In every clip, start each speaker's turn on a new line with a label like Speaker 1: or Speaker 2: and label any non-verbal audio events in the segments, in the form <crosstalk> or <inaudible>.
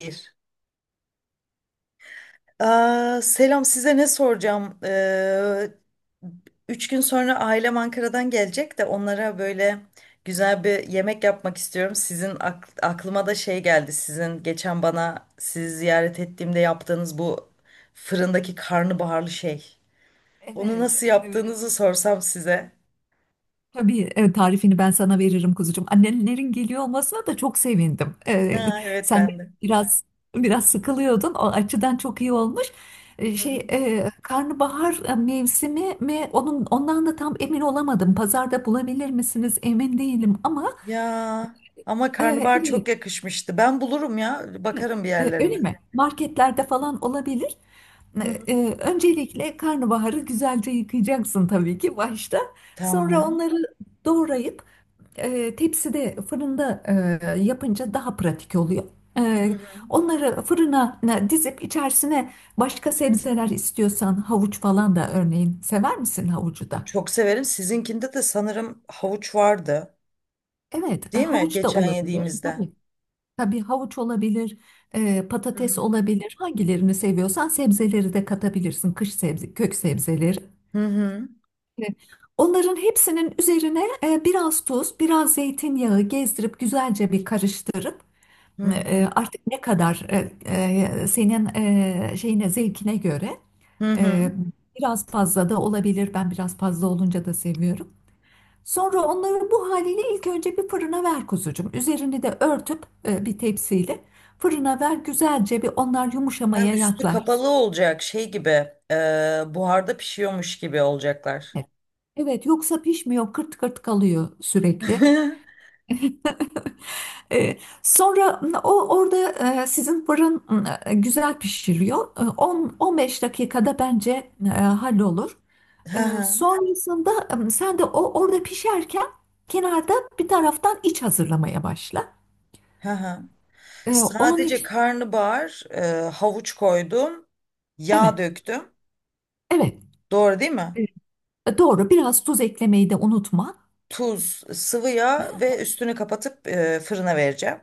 Speaker 1: Bir. Aa, selam size ne soracağım? 3 gün sonra ailem Ankara'dan gelecek de onlara böyle güzel bir yemek yapmak istiyorum. Sizin aklıma da şey geldi. Sizin geçen bana sizi ziyaret ettiğimde yaptığınız bu fırındaki karnabaharlı şey. Onu
Speaker 2: Evet,
Speaker 1: nasıl
Speaker 2: evet.
Speaker 1: yaptığınızı sorsam size.
Speaker 2: Tabii evet, tarifini ben sana veririm kuzucuğum. Annelerin geliyor olmasına da çok sevindim. Ee,
Speaker 1: Ha, evet
Speaker 2: sen de
Speaker 1: ben de.
Speaker 2: biraz biraz sıkılıyordun. O açıdan çok iyi olmuş. Ee,
Speaker 1: Hı
Speaker 2: şey
Speaker 1: hı.
Speaker 2: karnabahar mevsimi mi? Ondan da tam emin olamadım. Pazarda bulabilir misiniz? Emin değilim ama
Speaker 1: Ya, ama
Speaker 2: e, evet,
Speaker 1: karnabahar çok yakışmıştı. Ben bulurum ya, bakarım bir yerlerde.
Speaker 2: öyle mi? Marketlerde falan olabilir.
Speaker 1: Hı hı.
Speaker 2: Öncelikle karnabaharı güzelce yıkayacaksın tabii ki başta. Sonra
Speaker 1: Tamam.
Speaker 2: onları doğrayıp tepside fırında yapınca daha pratik oluyor. E,
Speaker 1: Hı hı.
Speaker 2: onları fırına dizip içerisine başka sebzeler istiyorsan havuç falan da, örneğin, sever misin havucu da?
Speaker 1: Çok severim. Sizinkinde de sanırım havuç vardı.
Speaker 2: Evet,
Speaker 1: Değil mi?
Speaker 2: havuç da
Speaker 1: Geçen
Speaker 2: olabilir.
Speaker 1: yediğimizde.
Speaker 2: Tabii, tabii havuç olabilir,
Speaker 1: Hı
Speaker 2: patates
Speaker 1: hı.
Speaker 2: olabilir. Hangilerini seviyorsan sebzeleri de katabilirsin. Kış sebze, kök sebzeleri.
Speaker 1: Hı hı.
Speaker 2: E, Onların hepsinin üzerine biraz tuz, biraz zeytinyağı gezdirip güzelce bir karıştırıp,
Speaker 1: Hı hı.
Speaker 2: artık ne kadar, senin şeyine, zevkine göre,
Speaker 1: Hı
Speaker 2: e,
Speaker 1: hı.
Speaker 2: biraz fazla da olabilir. Ben biraz fazla olunca da seviyorum. Sonra onları bu haliyle ilk önce bir fırına ver kuzucuğum. Üzerini de örtüp bir tepsiyle fırına ver, güzelce bir onlar
Speaker 1: Ha,
Speaker 2: yumuşamaya
Speaker 1: üstü
Speaker 2: yaklaşsın.
Speaker 1: kapalı olacak şey gibi. e, Buharda pişiyormuş gibi olacaklar.
Speaker 2: Evet, yoksa pişmiyor, kırt kırt kalıyor
Speaker 1: <laughs>
Speaker 2: sürekli.
Speaker 1: Hı
Speaker 2: Sonra o orada, sizin fırın güzel pişiriyor. 10-15 dakikada bence hallolur. E,
Speaker 1: hı.
Speaker 2: sonrasında sen de o orada pişerken, kenarda bir taraftan iç hazırlamaya başla.
Speaker 1: Hı hı.
Speaker 2: E, onun
Speaker 1: Sadece
Speaker 2: için,
Speaker 1: karnabahar, havuç koydum.
Speaker 2: evet,
Speaker 1: Yağ döktüm.
Speaker 2: evet.
Speaker 1: Doğru değil mi?
Speaker 2: Doğru, biraz tuz eklemeyi de unutma.
Speaker 1: Tuz, sıvı yağ ve üstünü kapatıp fırına vereceğim.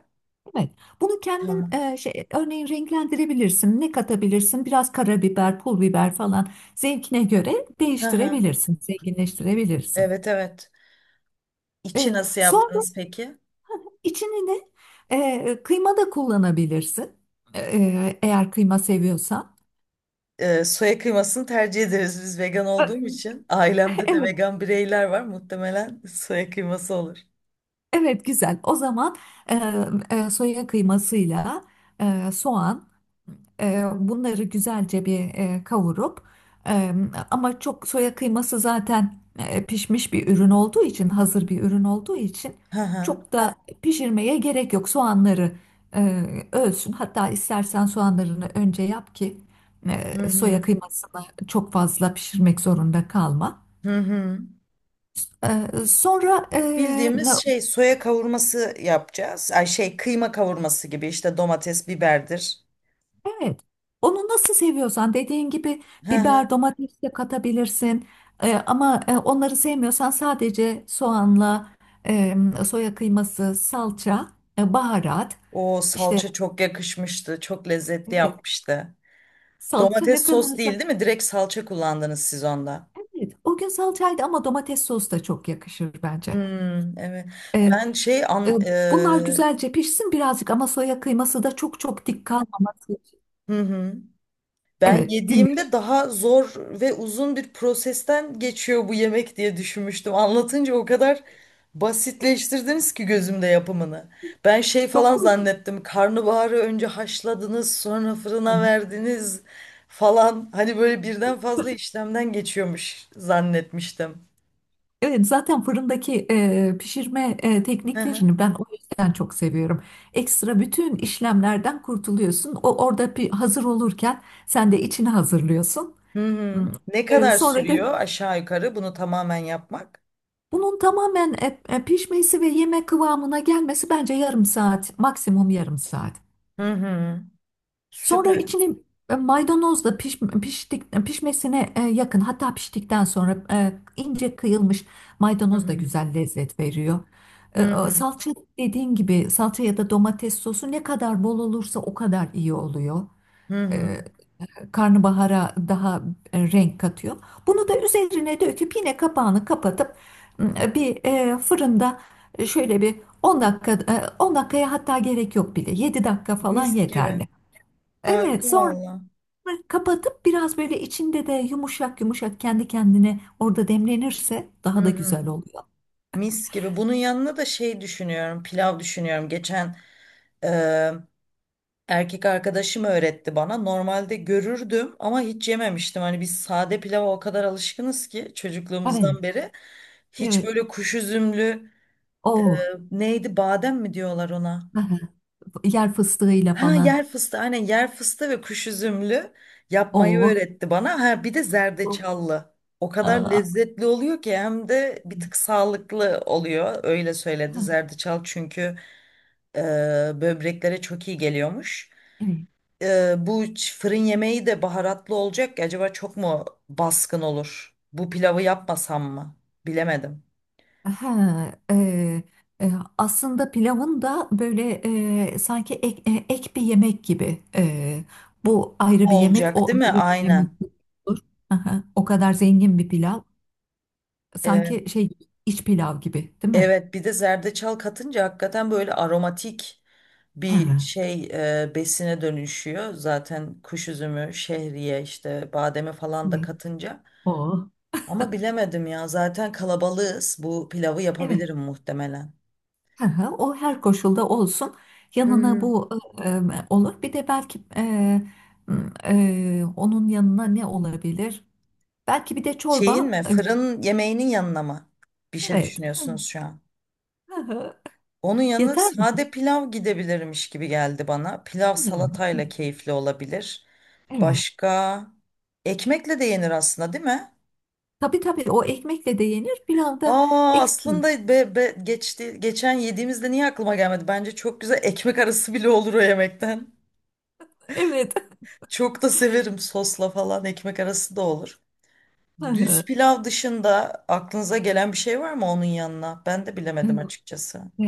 Speaker 2: Evet. Bunu kendin
Speaker 1: Tamam.
Speaker 2: şey, örneğin, renklendirebilirsin. Ne katabilirsin? Biraz karabiber, pul biber falan, zevkine göre
Speaker 1: Hı hı.
Speaker 2: değiştirebilirsin, zenginleştirebilirsin.
Speaker 1: Evet, evet. İçi
Speaker 2: E,
Speaker 1: nasıl
Speaker 2: sonra
Speaker 1: yaptınız peki?
Speaker 2: içini de, kıyma da kullanabilirsin. Eğer kıyma seviyorsan.
Speaker 1: Soya kıymasını tercih ederiz biz vegan
Speaker 2: E,
Speaker 1: olduğum için.
Speaker 2: <laughs>
Speaker 1: Ailemde de
Speaker 2: Evet,
Speaker 1: vegan bireyler var. Muhtemelen soya kıyması olur.
Speaker 2: evet, güzel. O zaman e, soya kıymasıyla, soğan. Bunları güzelce bir kavurup, e, ama çok, soya kıyması zaten pişmiş bir ürün olduğu için, hazır bir ürün olduğu için
Speaker 1: Hı hı.
Speaker 2: çok da pişirmeye gerek yok. Soğanları e, ölsün. Hatta istersen soğanlarını önce yap ki
Speaker 1: Hı
Speaker 2: soya
Speaker 1: hı.
Speaker 2: kıymasını çok fazla pişirmek zorunda kalma.
Speaker 1: Hı hı.
Speaker 2: E, sonra.
Speaker 1: Bildiğimiz şey soya kavurması yapacağız. Ay şey kıyma kavurması gibi işte domates, biberdir.
Speaker 2: Evet. Onu nasıl seviyorsan, dediğin gibi
Speaker 1: Hı hı.
Speaker 2: biber, domates de katabilirsin. Ama onları sevmiyorsan, sadece soğanla, e, soya kıyması, salça, baharat
Speaker 1: O
Speaker 2: işte.
Speaker 1: salça çok yakışmıştı. Çok lezzetli
Speaker 2: Evet,
Speaker 1: yapmıştı.
Speaker 2: salça ne
Speaker 1: Domates sos
Speaker 2: kadarsa.
Speaker 1: değil değil mi? Direkt salça kullandınız siz onda.
Speaker 2: Evet, o gün salçaydı ama domates sosu da çok yakışır bence.
Speaker 1: Hmm, evet.
Speaker 2: Ee,
Speaker 1: Ben şey
Speaker 2: e,
Speaker 1: an,
Speaker 2: bunlar güzelce pişsin birazcık, ama soya kıyması da çok çok dik kalmaması.
Speaker 1: hı hı. Ben
Speaker 2: Evet, dinliyorum.
Speaker 1: yediğimde daha zor ve uzun bir prosesten geçiyor bu yemek diye düşünmüştüm. Anlatınca o kadar basitleştirdiniz ki gözümde yapımını. Ben şey falan
Speaker 2: Çok mu?
Speaker 1: zannettim. Karnabaharı önce haşladınız, sonra fırına verdiniz falan. Hani böyle birden fazla işlemden geçiyormuş zannetmiştim.
Speaker 2: Evet, zaten fırındaki pişirme
Speaker 1: Hı hı.
Speaker 2: tekniklerini ben o yüzden çok seviyorum. Ekstra bütün işlemlerden kurtuluyorsun. O orada bir hazır olurken, sen de içini hazırlıyorsun.
Speaker 1: Hı
Speaker 2: Hmm.
Speaker 1: hı. Ne
Speaker 2: E,
Speaker 1: kadar
Speaker 2: sonra da
Speaker 1: sürüyor aşağı yukarı bunu tamamen yapmak?
Speaker 2: bunun tamamen pişmesi ve yemek kıvamına gelmesi bence yarım saat, maksimum yarım saat.
Speaker 1: Hı hı.
Speaker 2: Sonra
Speaker 1: Süper.
Speaker 2: içine maydanozla pişmesine yakın, hatta piştikten sonra ince kıyılmış
Speaker 1: Hı
Speaker 2: maydanoz da
Speaker 1: hı.
Speaker 2: güzel lezzet veriyor.
Speaker 1: Hı hı.
Speaker 2: Salça, dediğin gibi, salça ya da domates sosu ne kadar bol olursa o kadar iyi oluyor.
Speaker 1: Hı
Speaker 2: E,
Speaker 1: hı.
Speaker 2: karnabahara daha renk katıyor. Bunu da üzerine döküp yine kapağını kapatıp bir fırında şöyle bir 10 dakika, 10 dakikaya, hatta gerek yok bile, 7 dakika falan
Speaker 1: Mis gibi.
Speaker 2: yeterli. Evet,
Speaker 1: Harika
Speaker 2: sonra
Speaker 1: valla.
Speaker 2: bunları kapatıp, biraz böyle içinde de yumuşak yumuşak kendi kendine orada demlenirse
Speaker 1: Hı
Speaker 2: daha da
Speaker 1: hı.
Speaker 2: güzel oluyor.
Speaker 1: Mis gibi. Bunun yanına da şey düşünüyorum, pilav düşünüyorum. Geçen e, erkek arkadaşım öğretti bana. Normalde görürdüm ama hiç yememiştim. Hani biz sade pilava o kadar alışkınız ki
Speaker 2: Evet.
Speaker 1: çocukluğumuzdan beri. Hiç
Speaker 2: Evet.
Speaker 1: böyle kuş üzümlü e,
Speaker 2: O,
Speaker 1: neydi, badem mi diyorlar ona?
Speaker 2: yer fıstığıyla
Speaker 1: Ha,
Speaker 2: falan.
Speaker 1: yer fıstığı, aynen, yer fıstığı ve kuş üzümlü yapmayı
Speaker 2: O.
Speaker 1: öğretti bana. Ha bir de zerdeçallı. O kadar lezzetli oluyor ki hem de bir tık
Speaker 2: <laughs>
Speaker 1: sağlıklı oluyor. Öyle söyledi. Zerdeçal çünkü e, böbreklere çok iyi geliyormuş.
Speaker 2: Evet.
Speaker 1: Bu fırın yemeği de baharatlı olacak. Ya, acaba çok mu baskın olur? Bu pilavı yapmasam mı? Bilemedim.
Speaker 2: Ha, e, aslında pilavın da böyle, sanki ek bir yemek gibi. Bu ayrı bir yemek,
Speaker 1: Olacak,
Speaker 2: o
Speaker 1: değil mi?
Speaker 2: ayrı bir yemek
Speaker 1: Aynen.
Speaker 2: olur. Aha, o kadar zengin bir pilav. Sanki şey, iç pilav gibi, değil mi?
Speaker 1: Evet, bir de zerdeçal katınca hakikaten böyle aromatik bir
Speaker 2: Hı
Speaker 1: şey besine dönüşüyor. Zaten kuş üzümü, şehriye, işte bademe
Speaker 2: hı.
Speaker 1: falan da katınca.
Speaker 2: O,
Speaker 1: Ama bilemedim ya, zaten kalabalığız. Bu pilavı
Speaker 2: evet.
Speaker 1: yapabilirim muhtemelen.
Speaker 2: Hı hı. O her koşulda olsun. Yanına
Speaker 1: Hmm.
Speaker 2: bu olur. Bir de belki, onun yanına ne olabilir? Belki bir de
Speaker 1: Şeyin
Speaker 2: çorba.
Speaker 1: mi, fırın yemeğinin yanına mı bir şey
Speaker 2: Evet.
Speaker 1: düşünüyorsunuz şu an?
Speaker 2: Hı hı.
Speaker 1: Onun yanı
Speaker 2: Yeter mi?
Speaker 1: sade pilav gidebilirmiş gibi geldi bana. Pilav
Speaker 2: Hı.
Speaker 1: salatayla keyifli olabilir.
Speaker 2: Evet.
Speaker 1: Başka ekmekle de yenir aslında, değil mi?
Speaker 2: Tabii tabii, o ekmekle de yenir. Pilav da
Speaker 1: Aa,
Speaker 2: ekstra.
Speaker 1: aslında geçti, geçen yediğimizde niye aklıma gelmedi? Bence çok güzel ekmek arası bile olur o yemekten.
Speaker 2: Evet. <laughs>
Speaker 1: Çok da severim, sosla falan ekmek arası da olur.
Speaker 2: Hı
Speaker 1: Düz
Speaker 2: hı.
Speaker 1: pilav dışında aklınıza gelen bir şey var mı onun yanına? Ben de bilemedim açıkçası.
Speaker 2: E,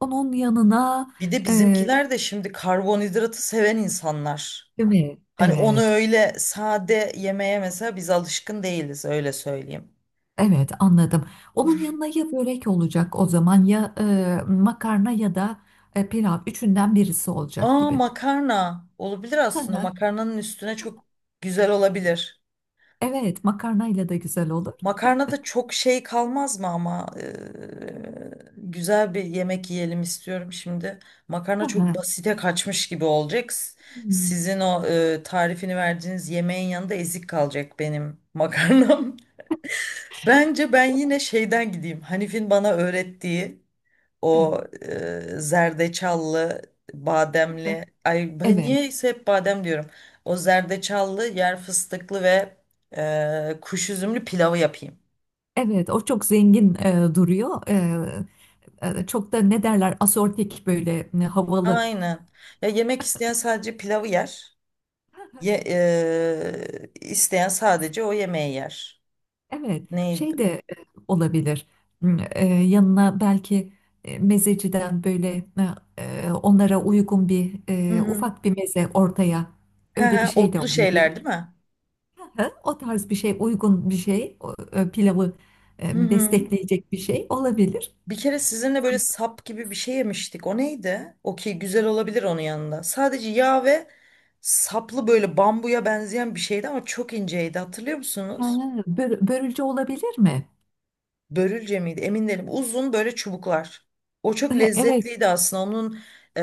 Speaker 2: Onun yanına,
Speaker 1: Bir de
Speaker 2: e,
Speaker 1: bizimkiler de şimdi karbonhidratı seven insanlar.
Speaker 2: değil mi?
Speaker 1: Hani onu
Speaker 2: Evet.
Speaker 1: öyle sade yemeye mesela biz alışkın değiliz, öyle söyleyeyim.
Speaker 2: Evet, anladım. Onun yanına ya börek olacak o zaman, ya makarna, ya da pilav, üçünden birisi olacak
Speaker 1: Aa,
Speaker 2: gibi.
Speaker 1: makarna olabilir
Speaker 2: Hı
Speaker 1: aslında,
Speaker 2: hı.
Speaker 1: makarnanın üstüne çok güzel olabilir.
Speaker 2: Evet, makarnayla da güzel olur.
Speaker 1: Makarnada çok şey kalmaz mı ama? Güzel bir yemek yiyelim istiyorum şimdi.
Speaker 2: Hı
Speaker 1: Makarna çok
Speaker 2: hı.
Speaker 1: basite kaçmış gibi olacak.
Speaker 2: Hmm.
Speaker 1: Sizin o tarifini verdiğiniz yemeğin yanında ezik kalacak benim makarnam. <laughs> Bence ben
Speaker 2: O-
Speaker 1: yine şeyden gideyim. Hanif'in bana öğrettiği
Speaker 2: Evet.
Speaker 1: o zerdeçallı,
Speaker 2: Hı.
Speaker 1: bademli. Ay, ben
Speaker 2: Evet,
Speaker 1: niyeyse hep badem diyorum. O zerdeçallı, yer fıstıklı ve kuş üzümlü pilavı yapayım.
Speaker 2: evet, o çok zengin duruyor. Çok da, ne derler, asortik, böyle havalı.
Speaker 1: Aynen. Ya, yemek isteyen sadece pilavı yer. Ye, isteyen sadece o yemeği yer.
Speaker 2: Evet,
Speaker 1: Neydi?
Speaker 2: şey de e, olabilir. Hmm, yanına belki, mezeciden böyle, onlara uygun bir,
Speaker 1: Hı hı.
Speaker 2: ufak bir meze ortaya,
Speaker 1: He
Speaker 2: öyle bir
Speaker 1: he,
Speaker 2: şey de
Speaker 1: otlu şeyler değil
Speaker 2: olabilir.
Speaker 1: mi?
Speaker 2: Hı, o tarz bir şey, uygun bir şey, o, pilavı
Speaker 1: Hı hı.
Speaker 2: destekleyecek bir şey olabilir.
Speaker 1: Bir kere sizinle böyle sap gibi bir şey yemiştik. O neydi? Okey, güzel olabilir onun yanında. Sadece yağ ve saplı, böyle bambuya benzeyen bir şeydi ama çok inceydi. Hatırlıyor
Speaker 2: Ha,
Speaker 1: musunuz?
Speaker 2: börülce olabilir mi?
Speaker 1: Börülce miydi? Emin değilim. Uzun böyle çubuklar. O çok
Speaker 2: Evet,
Speaker 1: lezzetliydi aslında. Onun e,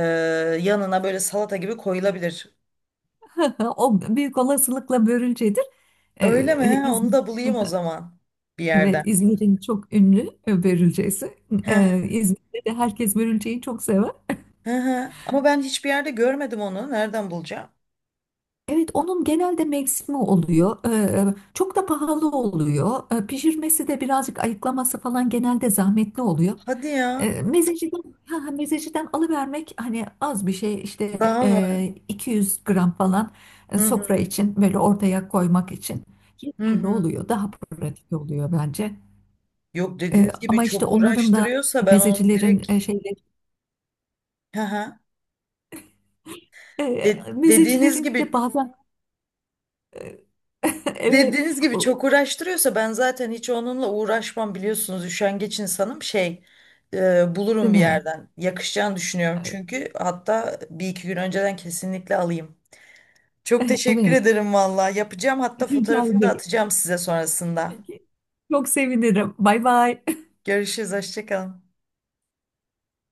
Speaker 1: yanına böyle salata gibi koyulabilir.
Speaker 2: <laughs> o büyük olasılıkla börülcedir. E,
Speaker 1: Öyle mi? Ha, onu da bulayım o zaman bir
Speaker 2: Evet,
Speaker 1: yerden.
Speaker 2: İzmir'in çok ünlü börülcesi.
Speaker 1: Hı hı,
Speaker 2: İzmir'de de herkes börülceyi çok sever.
Speaker 1: hı hı. Ama ben hiçbir yerde görmedim onu. Nereden bulacağım?
Speaker 2: Evet, onun genelde mevsimi oluyor. Çok da pahalı oluyor. Pişirmesi de birazcık, ayıklaması falan genelde zahmetli oluyor.
Speaker 1: Hadi ya.
Speaker 2: Ee, mezeciden, ha, mezeciden alıvermek, hani az bir şey işte,
Speaker 1: Daha mı?
Speaker 2: 200 gram falan,
Speaker 1: Hı
Speaker 2: sofra
Speaker 1: hı,
Speaker 2: için böyle ortaya koymak için
Speaker 1: hı
Speaker 2: yeterli
Speaker 1: hı.
Speaker 2: oluyor. Daha pratik oluyor bence.
Speaker 1: Yok,
Speaker 2: Ee,
Speaker 1: dediğiniz gibi
Speaker 2: ama işte,
Speaker 1: çok
Speaker 2: onların da,
Speaker 1: uğraştırıyorsa ben onu
Speaker 2: mezecilerin
Speaker 1: direkt,
Speaker 2: şeyleri.
Speaker 1: hı hı.
Speaker 2: E,
Speaker 1: De- dediğiniz
Speaker 2: mezecilerin bir
Speaker 1: gibi
Speaker 2: de bazen, e, <laughs> evet,
Speaker 1: dediğiniz gibi
Speaker 2: o,
Speaker 1: çok uğraştırıyorsa ben zaten hiç onunla uğraşmam, biliyorsunuz üşengeç insanım, şey, bulurum
Speaker 2: değil
Speaker 1: bir
Speaker 2: mi?
Speaker 1: yerden, yakışacağını düşünüyorum
Speaker 2: Evet.
Speaker 1: çünkü, hatta bir iki gün önceden kesinlikle alayım. Çok
Speaker 2: <laughs>
Speaker 1: teşekkür
Speaker 2: Evet.
Speaker 1: ederim valla. Yapacağım, hatta
Speaker 2: Rica
Speaker 1: fotoğrafını da
Speaker 2: ederim.
Speaker 1: atacağım size sonrasında.
Speaker 2: Peki. Çok sevinirim. Bay bay.
Speaker 1: Görüşürüz. Hoşça kalın.